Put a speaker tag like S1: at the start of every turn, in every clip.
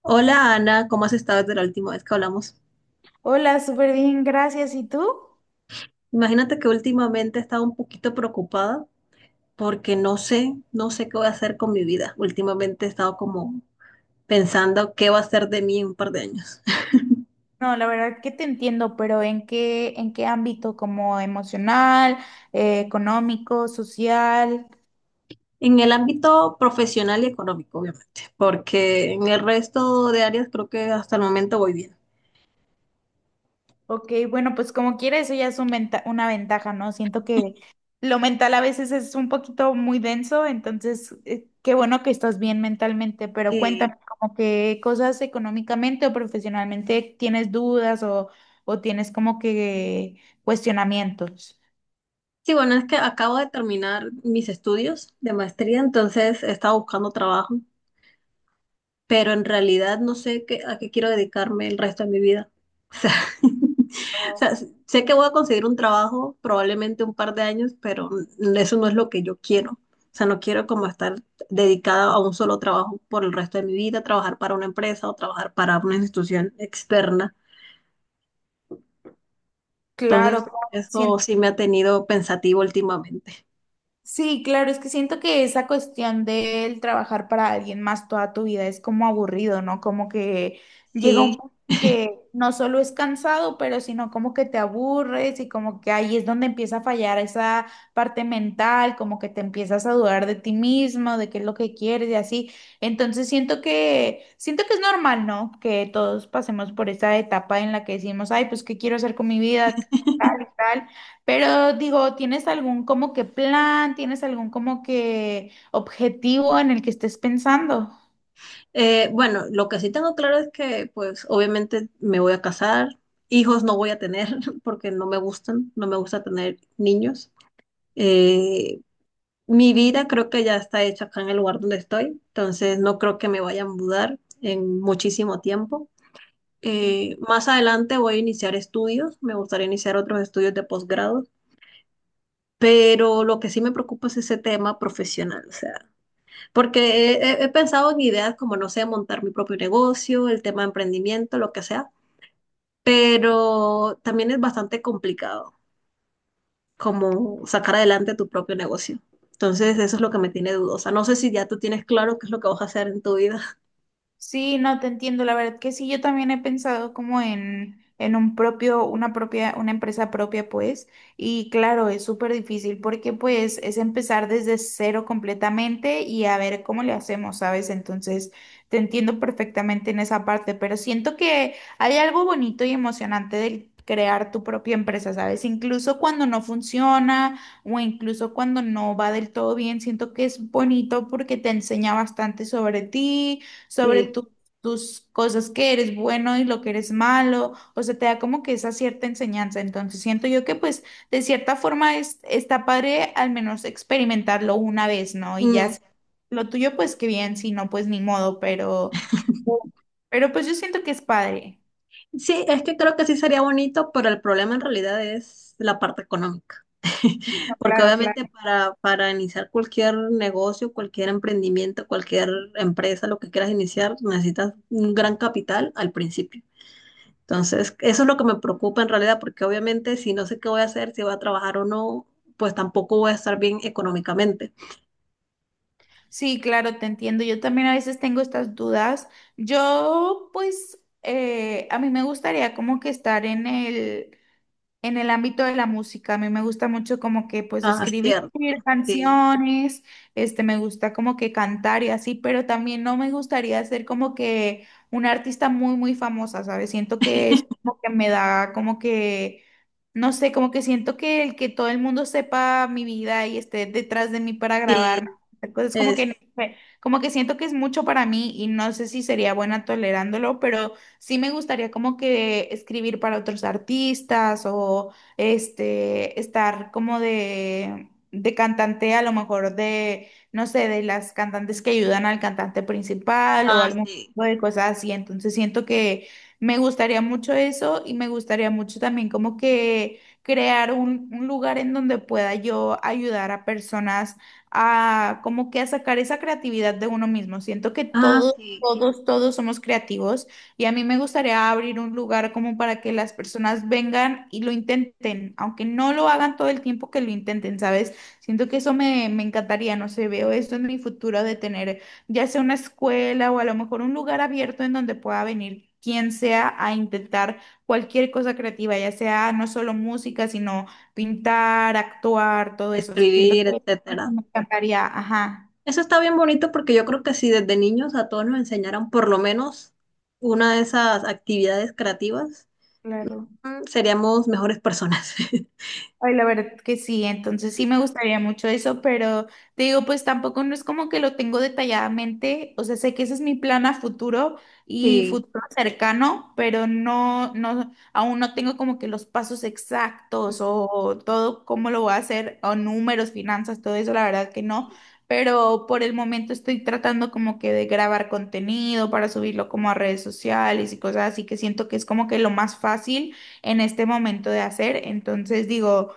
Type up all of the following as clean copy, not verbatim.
S1: Hola, Ana, ¿cómo has estado desde la última vez que hablamos?
S2: Hola, súper bien, gracias. ¿Y tú?
S1: Imagínate que últimamente he estado un poquito preocupada porque no sé qué voy a hacer con mi vida. Últimamente he estado como pensando qué va a ser de mí en un par de años.
S2: No, la verdad que te entiendo, pero en qué ámbito? ¿Como emocional, económico, social?
S1: En el ámbito profesional y económico, obviamente, porque en el resto de áreas creo que hasta el momento voy bien.
S2: Ok, bueno, pues como quiera, eso ya es una ventaja, ¿no? Siento que lo mental a veces es un poquito muy denso, entonces qué bueno que estás bien mentalmente, pero
S1: Y
S2: cuéntame, como que cosas económicamente o profesionalmente tienes dudas, o tienes como que cuestionamientos.
S1: sí, bueno, es que acabo de terminar mis estudios de maestría, entonces he estado buscando trabajo, pero en realidad no sé qué, a qué quiero dedicarme el resto de mi vida. O sea,
S2: Oh.
S1: o sea, sé que voy a conseguir un trabajo, probablemente un par de años, pero eso no es lo que yo quiero. O sea, no quiero como estar dedicada a un solo trabajo por el resto de mi vida, trabajar para una empresa o trabajar para una institución externa.
S2: Claro,
S1: Entonces,
S2: claro,
S1: eso
S2: siento
S1: sí me ha tenido pensativo últimamente.
S2: sí, claro, es que siento que esa cuestión del trabajar para alguien más toda tu vida es como aburrido, ¿no? Como que llega un
S1: Sí.
S2: punto en que no solo es cansado, pero sino como que te aburres y como que ahí es donde empieza a fallar esa parte mental, como que te empiezas a dudar de ti mismo, de qué es lo que quieres y así. Entonces siento que es normal, ¿no? Que todos pasemos por esa etapa en la que decimos, "Ay, pues qué quiero hacer con mi vida?" tal y tal. Pero digo, ¿tienes algún como que plan? ¿Tienes algún como que objetivo en el que estés pensando?
S1: Bueno, lo que sí tengo claro es que, pues, obviamente me voy a casar, hijos no voy a tener porque no me gustan, no me gusta tener niños. Eh, Mi vida creo que ya está hecha acá en el lugar donde estoy, entonces no creo que me vaya a mudar en muchísimo tiempo. Más adelante voy a iniciar estudios, me gustaría iniciar otros estudios de posgrado, pero lo que sí me preocupa es ese tema profesional, o sea. Porque pensado en ideas como, no sé, montar mi propio negocio, el tema de emprendimiento, lo que sea, pero también es bastante complicado como sacar adelante tu propio negocio. Entonces, eso es lo que me tiene dudosa. No sé si ya tú tienes claro qué es lo que vas a hacer en tu vida.
S2: Sí, no te entiendo, la verdad que sí, yo también he pensado como en un propio, una propia, una empresa propia, pues, y claro, es súper difícil porque pues es empezar desde cero completamente y a ver cómo le hacemos, ¿sabes? Entonces, te entiendo perfectamente en esa parte, pero siento que hay algo bonito y emocionante del crear tu propia empresa, ¿sabes? Incluso cuando no funciona o incluso cuando no va del todo bien, siento que es bonito porque te enseña bastante sobre ti sobre
S1: Sí.
S2: tu- tus cosas que eres bueno y lo que eres malo, o sea, te da como que esa cierta enseñanza. Entonces siento yo que pues de cierta forma es, está padre al menos experimentarlo una vez, ¿no? Y ya
S1: Mm,
S2: si lo tuyo pues qué bien, si no pues ni modo, pero pues yo siento que es padre.
S1: sí, es que creo que sí sería bonito, pero el problema en realidad es la parte económica. Porque
S2: Claro,
S1: obviamente
S2: claro.
S1: para iniciar cualquier negocio, cualquier emprendimiento, cualquier empresa, lo que quieras iniciar, necesitas un gran capital al principio. Entonces, eso es lo que me preocupa en realidad, porque obviamente si no sé qué voy a hacer, si voy a trabajar o no, pues tampoco voy a estar bien económicamente.
S2: Sí, claro, te entiendo. Yo también a veces tengo estas dudas. Yo, pues, a mí me gustaría como que estar en el ámbito de la música, a mí me gusta mucho como que pues
S1: Ah,
S2: escribir
S1: cierto. Sí,
S2: canciones, este me gusta como que cantar y así, pero también no me gustaría ser como que una artista muy muy famosa, ¿sabes? Siento que es como que me da como que no sé, como que siento que el que todo el mundo sepa mi vida y esté detrás de mí para
S1: sí,
S2: grabarme, es como
S1: es,
S2: que no sé, como que siento que es mucho para mí y no sé si sería buena tolerándolo, pero sí me gustaría como que escribir para otros artistas o este, estar como de cantante a lo mejor de, no sé, de las cantantes que ayudan al cantante principal o
S1: ah,
S2: algún
S1: sí,
S2: tipo de cosas así. Entonces siento que me gustaría mucho eso y me gustaría mucho también como que crear un lugar en donde pueda yo ayudar a personas a como que a sacar esa creatividad de uno mismo. Siento que
S1: ah, sí,
S2: todos somos creativos. Y a mí me gustaría abrir un lugar como para que las personas vengan y lo intenten, aunque no lo hagan todo el tiempo que lo intenten, ¿sabes? Siento que eso me encantaría, no sé, veo esto en mi futuro de tener ya sea una escuela o a lo mejor un lugar abierto en donde pueda venir quien sea a intentar cualquier cosa creativa, ya sea no solo música, sino pintar, actuar, todo eso. Siento
S1: escribir,
S2: que
S1: etcétera.
S2: me encantaría, ajá,
S1: Eso está bien bonito porque yo creo que si desde niños a todos nos enseñaran por lo menos una de esas actividades creativas,
S2: claro.
S1: mm, seríamos mejores personas.
S2: Ay, la verdad que sí, entonces sí me gustaría mucho eso, pero te digo, pues tampoco no es como que lo tengo detalladamente, o sea, sé que ese es mi plan a futuro y
S1: Sí.
S2: futuro cercano, pero aún no tengo como que los pasos exactos
S1: Mm.
S2: o todo cómo lo voy a hacer, o números, finanzas, todo eso, la verdad que no, pero por el momento estoy tratando como que de grabar contenido para subirlo como a redes sociales y cosas así que siento que es como que lo más fácil en este momento de hacer, entonces digo...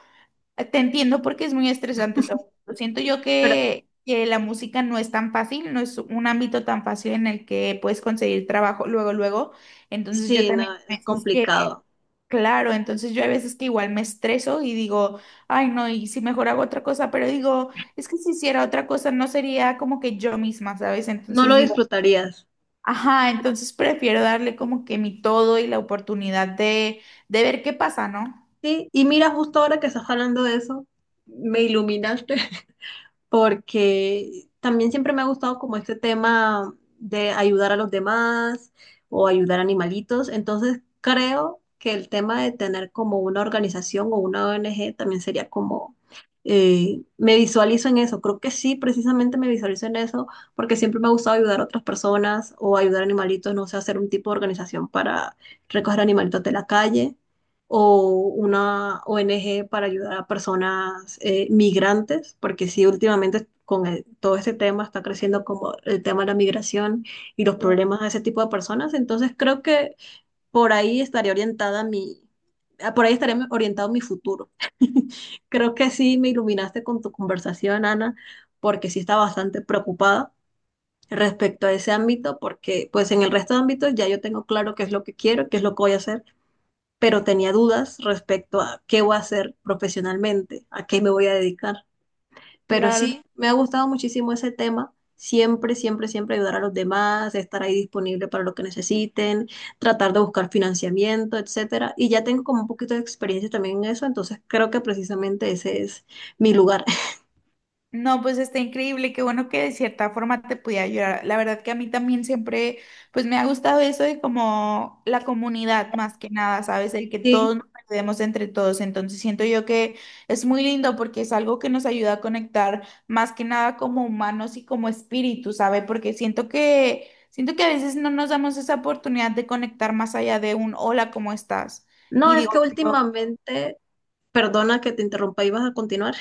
S2: Te entiendo porque es muy estresante. Siento yo
S1: Pero
S2: que la música no es tan fácil, no es un ámbito tan fácil en el que puedes conseguir trabajo luego, luego. Entonces yo
S1: sí, no,
S2: también a
S1: es
S2: veces que,
S1: complicado.
S2: claro, entonces yo a veces que igual me estreso y digo, ay no, y si mejor hago otra cosa, pero digo, es que si hiciera otra cosa no sería como que yo misma, ¿sabes?
S1: No
S2: Entonces
S1: lo
S2: digo,
S1: disfrutarías.
S2: ajá, entonces prefiero darle como que mi todo y la oportunidad de ver qué pasa, ¿no?
S1: Sí, y mira, justo ahora que estás hablando de eso, me iluminaste. Porque también siempre me ha gustado como este tema de ayudar a los demás o ayudar a animalitos. Entonces creo que el tema de tener como una organización o una ONG también sería como, me visualizo en eso, creo que sí, precisamente me visualizo en eso, porque siempre me ha gustado ayudar a otras personas o ayudar a animalitos, no sé, hacer un tipo de organización para recoger animalitos de la calle o una ONG para ayudar a personas migrantes, porque sí, últimamente todo este tema está creciendo como el tema de la migración y los problemas de ese tipo de personas, entonces creo que por ahí estaría orientada mi, por ahí estaría orientado mi futuro. Creo que sí me iluminaste con tu conversación, Ana, porque sí está bastante preocupada respecto a ese ámbito, porque pues en el resto de ámbitos ya yo tengo claro qué es lo que quiero, qué es lo que voy a hacer, pero tenía dudas respecto a qué voy a hacer profesionalmente, a qué me voy a dedicar. Pero
S2: Claro,
S1: sí, me ha gustado muchísimo ese tema. Siempre, siempre, siempre ayudar a los demás, estar ahí disponible para lo que necesiten, tratar de buscar financiamiento, etcétera. Y ya tengo como un poquito de experiencia también en eso, entonces creo que precisamente ese es mi lugar.
S2: no, pues está increíble, qué bueno que de cierta forma te pude ayudar. La verdad que a mí también siempre, pues me ha gustado eso de como la comunidad más que nada, ¿sabes? El que
S1: Sí.
S2: todos nos ayudemos entre todos. Entonces siento yo que es muy lindo porque es algo que nos ayuda a conectar más que nada como humanos y como espíritu, ¿sabes? Porque siento que a veces no nos damos esa oportunidad de conectar más allá de un hola, ¿cómo estás?
S1: No,
S2: Y
S1: es que
S2: digo,
S1: últimamente, perdona que te interrumpa, ibas a continuar.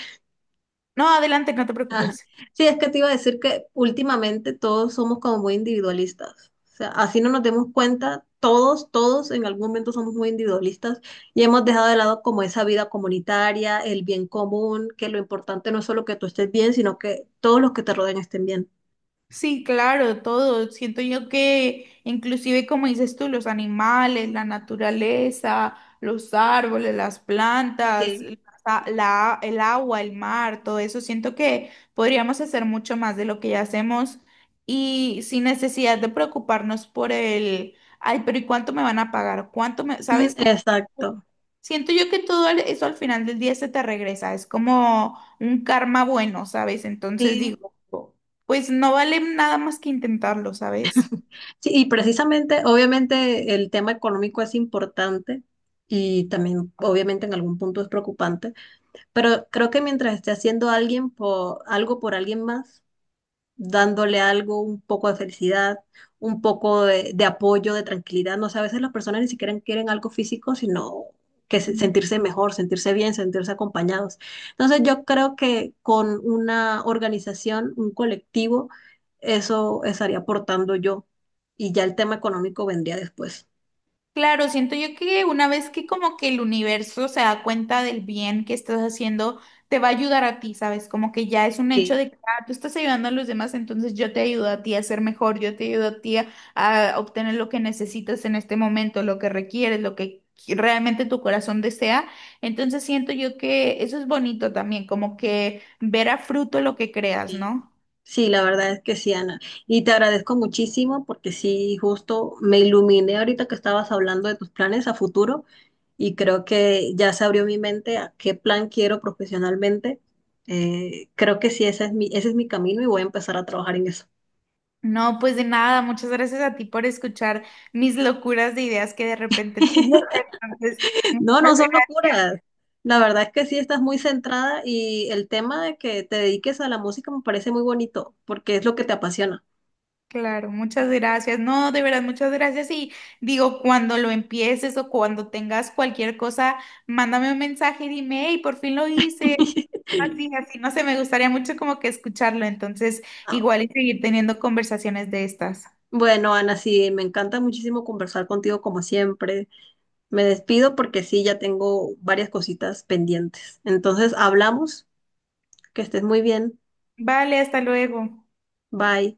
S2: no, adelante, no te
S1: Ajá.
S2: preocupes.
S1: Sí, es que te iba a decir que últimamente todos somos como muy individualistas. O sea, así no nos demos cuenta, todos en algún momento somos muy individualistas y hemos dejado de lado como esa vida comunitaria, el bien común, que lo importante no es solo que tú estés bien, sino que todos los que te rodean estén bien.
S2: Sí, claro, todo. Siento yo que inclusive como dices tú, los animales, la naturaleza, los árboles, las plantas,
S1: Sí.
S2: el agua, el mar, todo eso, siento que podríamos hacer mucho más de lo que ya hacemos y sin necesidad de preocuparnos por el, ay, pero ¿y cuánto me van a pagar? ¿Cuánto me,
S1: Mm,
S2: sabes cómo?
S1: exacto.
S2: Siento yo que eso al final del día se te regresa, es como un karma bueno, ¿sabes? Entonces
S1: Sí.
S2: digo, pues no vale nada más que intentarlo, ¿sabes?
S1: Sí, y precisamente, obviamente, el tema económico es importante, y también, obviamente, en algún punto es preocupante. Pero creo que mientras esté haciendo alguien por, algo por alguien más, dándole algo, un poco de felicidad, un poco de apoyo, de tranquilidad, no sé, a veces las personas ni siquiera quieren algo físico, sino sentirse mejor, sentirse bien, sentirse acompañados. Entonces yo creo que con una organización, un colectivo, eso estaría aportando yo. Y ya el tema económico vendría después.
S2: Claro, siento yo que una vez que como que el universo se da cuenta del bien que estás haciendo, te va a ayudar a ti, ¿sabes? Como que ya es un hecho
S1: Sí,
S2: de que ah, tú estás ayudando a los demás, entonces yo te ayudo a ti a ser mejor, yo te ayudo a ti a obtener lo que necesitas en este momento, lo que requieres, realmente tu corazón desea. Entonces siento yo que eso es bonito también, como que ver a fruto lo que creas,
S1: sí.
S2: ¿no?
S1: Sí, la verdad es que sí, Ana. Y te agradezco muchísimo porque sí, justo me iluminé ahorita que estabas hablando de tus planes a futuro y creo que ya se abrió mi mente a qué plan quiero profesionalmente. Creo que sí, ese es mi camino y voy a empezar a trabajar en eso.
S2: No, pues de nada, muchas gracias a ti por escuchar mis locuras de ideas que de repente tengo. Entonces, muchas
S1: No, no son
S2: gracias.
S1: locuras. La verdad es que sí estás muy centrada y el tema de que te dediques a la música me parece muy bonito porque es lo que te apasiona.
S2: Claro, muchas gracias. No, de verdad, muchas gracias. Y digo, cuando lo empieces o cuando tengas cualquier cosa, mándame un mensaje, dime, hey, por fin lo hice. Así, así, no sé, me gustaría mucho como que escucharlo. Entonces, igual y seguir teniendo conversaciones de estas.
S1: Bueno, Ana, sí, me encanta muchísimo conversar contigo como siempre. Me despido porque sí, ya tengo varias cositas pendientes. Entonces, hablamos, que estés muy bien.
S2: Vale, hasta luego.
S1: Bye.